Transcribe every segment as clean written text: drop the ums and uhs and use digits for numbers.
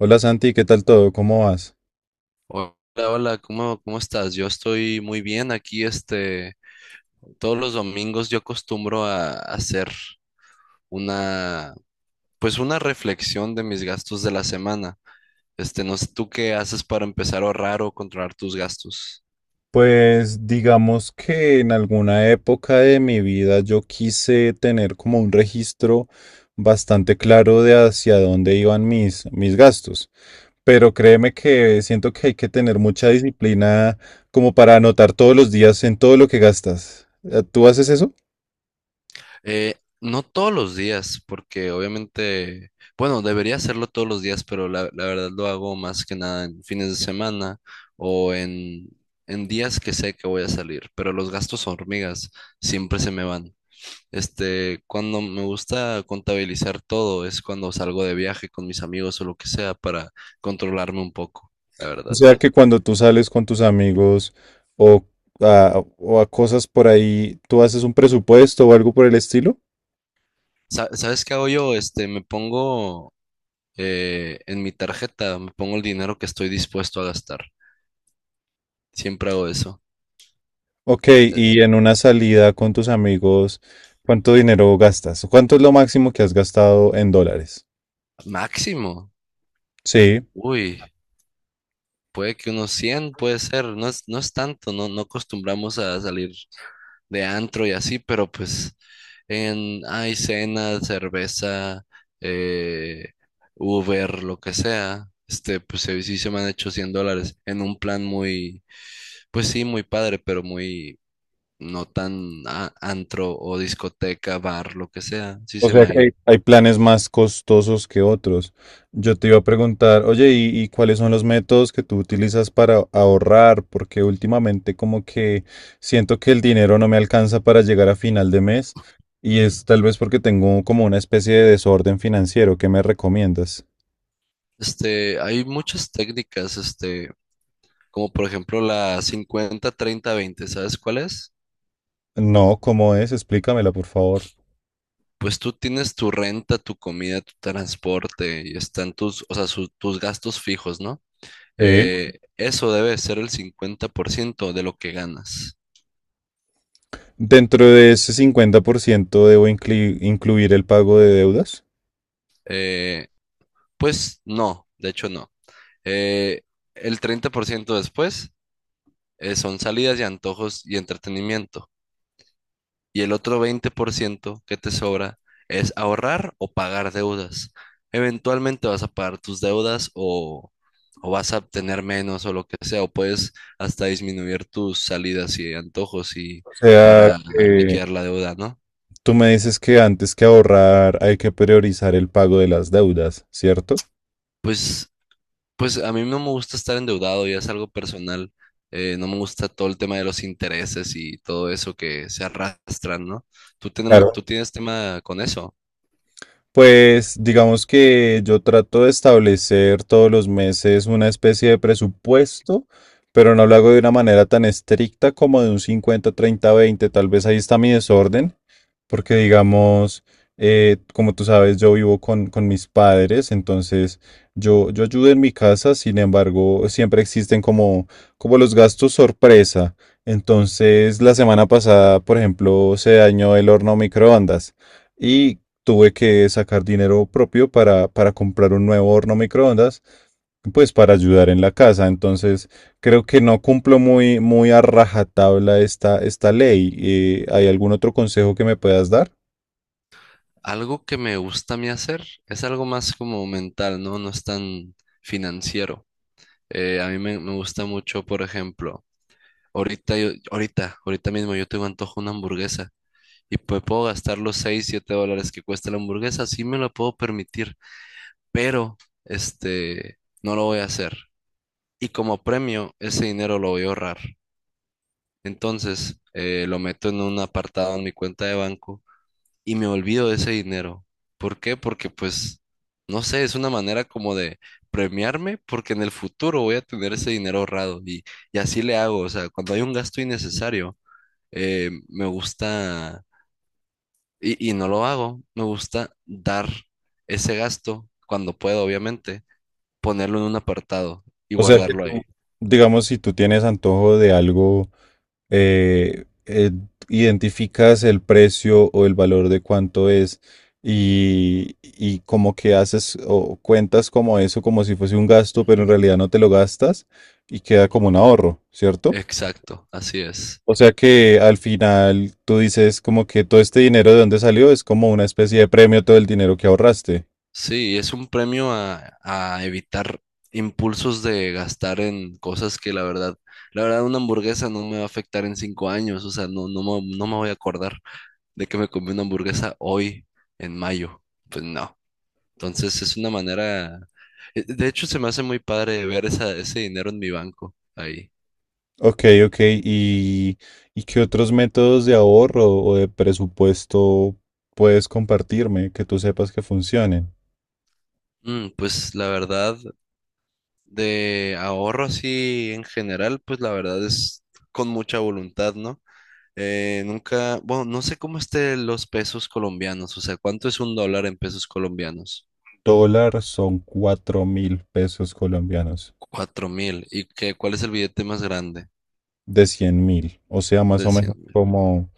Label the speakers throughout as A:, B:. A: Hola Santi, ¿qué tal todo? ¿Cómo vas?
B: Hola, hola, ¿cómo estás? Yo estoy muy bien aquí, este, todos los domingos yo acostumbro a hacer una, pues una reflexión de mis gastos de la semana. Este, no sé, ¿tú qué haces para empezar a ahorrar o controlar tus gastos?
A: Pues digamos que en alguna época de mi vida yo quise tener como un registro bastante claro de hacia dónde iban mis gastos, pero créeme que siento que hay que tener mucha disciplina como para anotar todos los días en todo lo que gastas. ¿Tú haces eso?
B: Eh, no todos los días, porque obviamente, bueno, debería hacerlo todos los días, pero la verdad lo hago más que nada en fines de semana o en días que sé que voy a salir, pero los gastos hormigas siempre se me van. Este, cuando me gusta contabilizar todo es cuando salgo de viaje con mis amigos o lo que sea para controlarme un poco, la
A: O
B: verdad.
A: sea que cuando tú sales con tus amigos o o a cosas por ahí, ¿tú haces un presupuesto o algo por el estilo?
B: ¿Sabes qué hago yo? Este, me pongo en mi tarjeta, me pongo el dinero que estoy dispuesto a gastar. Siempre hago eso.
A: Ok,
B: Eh,
A: y en una salida con tus amigos, ¿cuánto dinero gastas? ¿Cuánto es lo máximo que has gastado en dólares?
B: Máximo.
A: Sí.
B: Uy, puede que unos 100 puede ser. No es tanto, no, no acostumbramos a salir de antro y así, pero pues hay cena, cerveza, eh, Uber, lo que sea. Este, pues sí, sí se me han hecho $100 en un plan muy, pues sí, muy padre, pero muy no tan antro o discoteca, bar, lo que sea. Sí
A: O
B: se me
A: sea
B: ha
A: que hay,
B: ido.
A: hay planes más costosos que otros. Yo te iba a preguntar, oye, ¿y cuáles son los métodos que tú utilizas para ahorrar? Porque últimamente como que siento que el dinero no me alcanza para llegar a final de mes y es tal vez porque tengo como una especie de desorden financiero. ¿Qué me recomiendas?
B: Este, hay muchas técnicas, este. Como por ejemplo la 50/30/20, ¿sabes cuál es?
A: No, ¿cómo es? Explícamela, por favor.
B: Pues tú tienes tu renta, tu comida, tu transporte y están tus, o sea, tus gastos fijos, ¿no?
A: Sí.
B: Eso debe ser el 50% de lo que ganas.
A: Dentro de ese 50% debo incluir el pago de deudas.
B: Eh, pues no, de hecho no. Eh, el 30% después son salidas y antojos y entretenimiento. Y el otro 20% que te sobra es ahorrar o pagar deudas. Eventualmente vas a pagar tus deudas o vas a obtener menos o lo que sea, o puedes hasta disminuir tus salidas y antojos y
A: O sea,
B: para
A: que
B: liquidar la deuda, ¿no?
A: Tú me dices que antes que ahorrar hay que priorizar el pago de las deudas, ¿cierto?
B: Pues, pues, a mí no me gusta estar endeudado, ya es algo personal. No me gusta todo el tema de los intereses y todo eso que se arrastran, ¿no? ¿Tú, tenema-
A: Claro,
B: tú tienes tema con eso?
A: pues digamos que yo trato de establecer todos los meses una especie de presupuesto, pero no lo hago de una manera tan estricta como de un 50/30/20. Tal vez ahí está mi desorden, porque digamos, como tú sabes, yo vivo con mis padres, entonces yo ayudo en mi casa, sin embargo, siempre existen como los gastos sorpresa. Entonces, la semana pasada, por ejemplo, se dañó el horno microondas. Y tuve que sacar dinero propio para comprar un nuevo horno microondas, pues para ayudar en la casa. Entonces, creo que no cumplo muy a rajatabla esta ley. ¿Hay algún otro consejo que me puedas dar?
B: Algo que me gusta a mí hacer es algo más como mental, ¿no? No es tan financiero. A mí me gusta mucho, por ejemplo, ahorita mismo yo tengo antojo de una hamburguesa y pues puedo gastar los 6 7 dólares que cuesta la hamburguesa, sí me lo puedo permitir, pero este, no lo voy a hacer. Y como premio, ese dinero lo voy a ahorrar. Entonces, lo meto en un apartado en mi cuenta de banco y me olvido de ese dinero. ¿Por qué? Porque pues, no sé, es una manera como de premiarme porque en el futuro voy a tener ese dinero ahorrado y así le hago. O sea, cuando hay un gasto innecesario, me gusta, y no lo hago, me gusta dar ese gasto cuando puedo, obviamente, ponerlo en un apartado y
A: O sea que
B: guardarlo ahí.
A: bueno, tú, digamos, si tú tienes antojo de algo, eh, eh, identificas el precio o el valor de cuánto es y como que haces o cuentas como eso, como si fuese un gasto, pero en realidad no te lo gastas y queda como un ahorro, ¿cierto?
B: Exacto, así es.
A: O sea que al final tú dices como que todo este dinero de dónde salió es como una especie de premio todo el dinero que ahorraste.
B: Sí, es un premio a evitar impulsos de gastar en cosas que la verdad una hamburguesa no me va a afectar en 5 años, o sea, no, no, no me voy a acordar de que me comí una hamburguesa hoy en mayo, pues no. Entonces es una manera, de hecho se me hace muy padre ver ese dinero en mi banco ahí.
A: Ok, ok. ¿Y, y qué otros métodos de ahorro o de presupuesto puedes compartirme que tú sepas que funcionen?
B: Pues la verdad, de ahorro así en general, pues la verdad es con mucha voluntad, ¿no? Nunca, bueno, no sé cómo estén los pesos colombianos, o sea, ¿cuánto es un dólar en pesos colombianos?
A: Dólar son 4000 pesos colombianos
B: 4000. ¿Y qué, cuál es el billete más grande?
A: de 100000, o sea, más
B: De
A: o
B: cien
A: menos
B: mil.
A: como,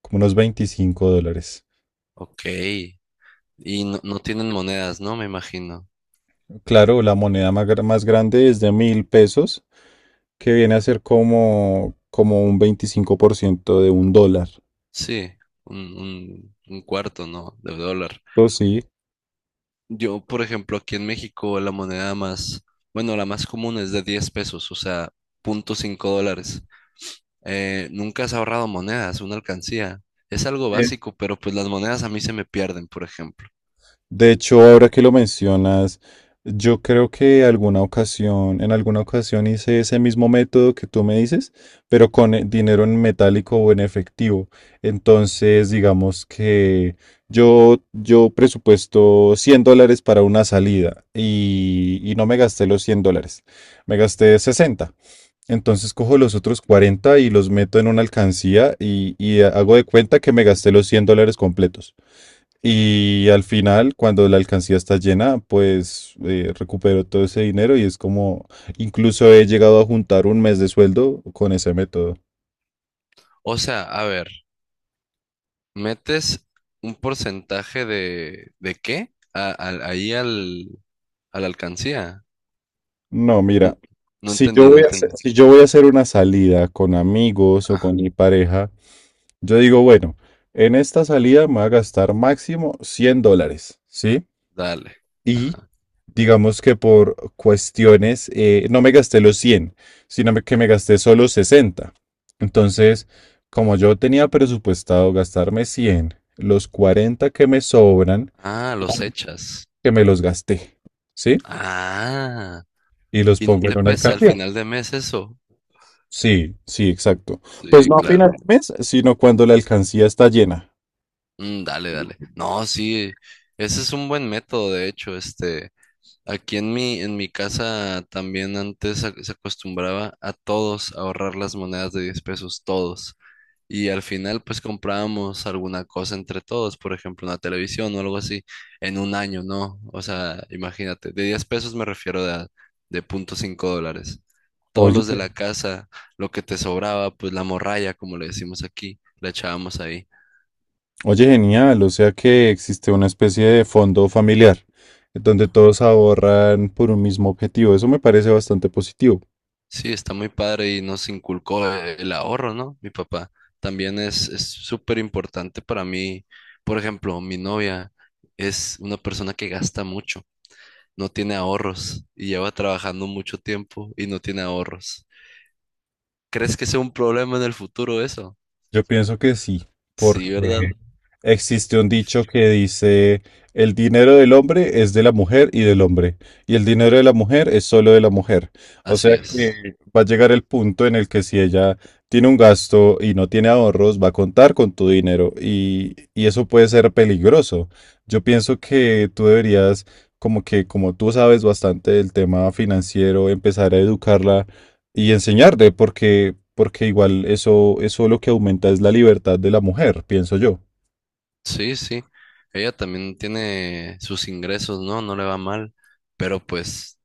A: como unos 25 dólares.
B: Ok. Y no, no tienen monedas, ¿no? Me imagino.
A: Claro, la moneda más, más grande es de 1000 pesos, que viene a ser como un 25% de un dólar.
B: Sí, un cuarto, ¿no? De dólar.
A: Eso sí.
B: Yo, por ejemplo, aquí en México la moneda más, bueno, la más común es de 10 pesos, o sea, 0.5 dólares. Nunca has ahorrado monedas, una alcancía. Es algo básico, pero pues las monedas a mí se me pierden, por ejemplo.
A: De hecho, ahora que lo mencionas, yo creo que en alguna ocasión hice ese mismo método que tú me dices, pero con dinero en metálico o en efectivo. Entonces, digamos que yo presupuesto 100 dólares para una salida y no me gasté los 100 dólares, me gasté 60. Entonces cojo los otros 40 y los meto en una alcancía y hago de cuenta que me gasté los 100 dólares completos. Y al final, cuando la alcancía está llena, pues recupero todo ese dinero y es como, incluso he llegado a juntar un mes de sueldo con ese método.
B: O sea, a ver, metes un porcentaje ¿de qué? Ahí a la alcancía.
A: No,
B: No,
A: mira,
B: no
A: si yo
B: entendí, no
A: voy a hacer,
B: entendí.
A: si yo voy a hacer una salida con amigos o
B: Ah,
A: con mi pareja, yo digo, bueno, en esta salida me voy a gastar máximo 100 dólares, ¿sí?
B: dale.
A: Y
B: Ajá.
A: digamos que por cuestiones, no me gasté los 100 que me gasté solo 60. Entonces, como yo tenía presupuestado gastarme 100, los 40 que me sobran,
B: Ah, los echas.
A: que me los gasté, ¿sí?
B: Ah,
A: Y los
B: y no
A: pongo
B: te
A: en una
B: pesa al
A: alcancía.
B: final de mes eso.
A: Sí, sí, exacto. Pues
B: Sí,
A: no a final
B: claro.
A: de mes, sino cuando la alcancía está llena.
B: Mm, dale, dale. No, sí, ese es un buen método, de hecho, este. Aquí en mi casa también antes se acostumbraba a todos a ahorrar las monedas de 10 pesos, todos. Y al final pues comprábamos alguna cosa entre todos, por ejemplo una televisión o algo así, en un año, ¿no? O sea, imagínate, de 10 pesos me refiero de 0.5 dólares. Todos
A: Oye.
B: los de la casa, lo que te sobraba, pues la morralla, como le decimos aquí, la echábamos ahí.
A: Oye, genial, o sea que existe una especie de fondo familiar donde todos ahorran por un mismo objetivo. Eso me parece bastante positivo.
B: Sí, está muy padre y nos inculcó el ahorro, ¿no? Mi papá también es súper importante para mí. Por ejemplo, mi novia es una persona que gasta mucho, no tiene ahorros y lleva trabajando mucho tiempo y no tiene ahorros. ¿Crees que sea un problema en el futuro eso?
A: Yo pienso que sí.
B: Sí, ¿verdad?
A: Existe un dicho que dice, el dinero del hombre es de la mujer y del hombre, y el dinero de la mujer es solo de la mujer. O
B: Así
A: sea que
B: es.
A: va a llegar el punto en el que si ella tiene un gasto y no tiene ahorros, va a contar con tu dinero y eso puede ser peligroso. Yo pienso que tú deberías, como que como tú sabes bastante del tema financiero, empezar a educarla y enseñarle, porque, porque igual eso, eso lo que aumenta es la libertad de la mujer, pienso yo.
B: Sí, sí. Ella también tiene sus ingresos, ¿no? No le va mal, pero pues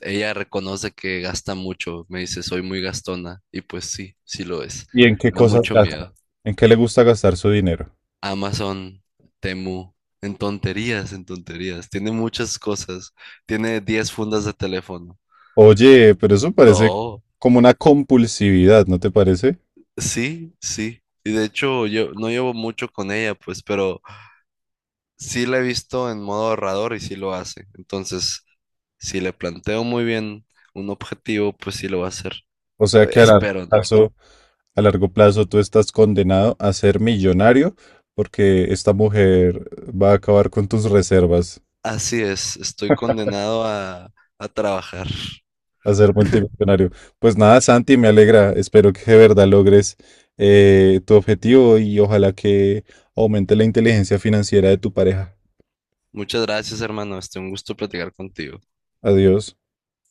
B: ella reconoce que gasta mucho, me dice, soy muy gastona, y pues sí, sí lo es.
A: ¿Y en qué
B: Me da
A: cosas
B: mucho
A: gasta?
B: miedo.
A: ¿En qué le gusta gastar su dinero?
B: Amazon, Temu, en tonterías, en tonterías. Tiene muchas cosas. Tiene 10 fundas de teléfono.
A: Oye, pero eso parece
B: No,
A: como una compulsividad, ¿no te parece?
B: sí, sí. Y de hecho, yo no llevo mucho con ella, pues, pero sí la he visto en modo ahorrador y sí lo hace. Entonces, si le planteo muy bien un objetivo, pues sí lo va a hacer.
A: O sea que
B: Espero, ¿no?
A: a largo plazo tú estás condenado a ser millonario porque esta mujer va a acabar con tus reservas,
B: Así es, estoy condenado a trabajar.
A: a ser multimillonario. Pues nada, Santi, me alegra. Espero que de verdad logres tu objetivo y ojalá que aumente la inteligencia financiera de tu pareja.
B: Muchas gracias, hermano. Este, un gusto platicar contigo.
A: Adiós.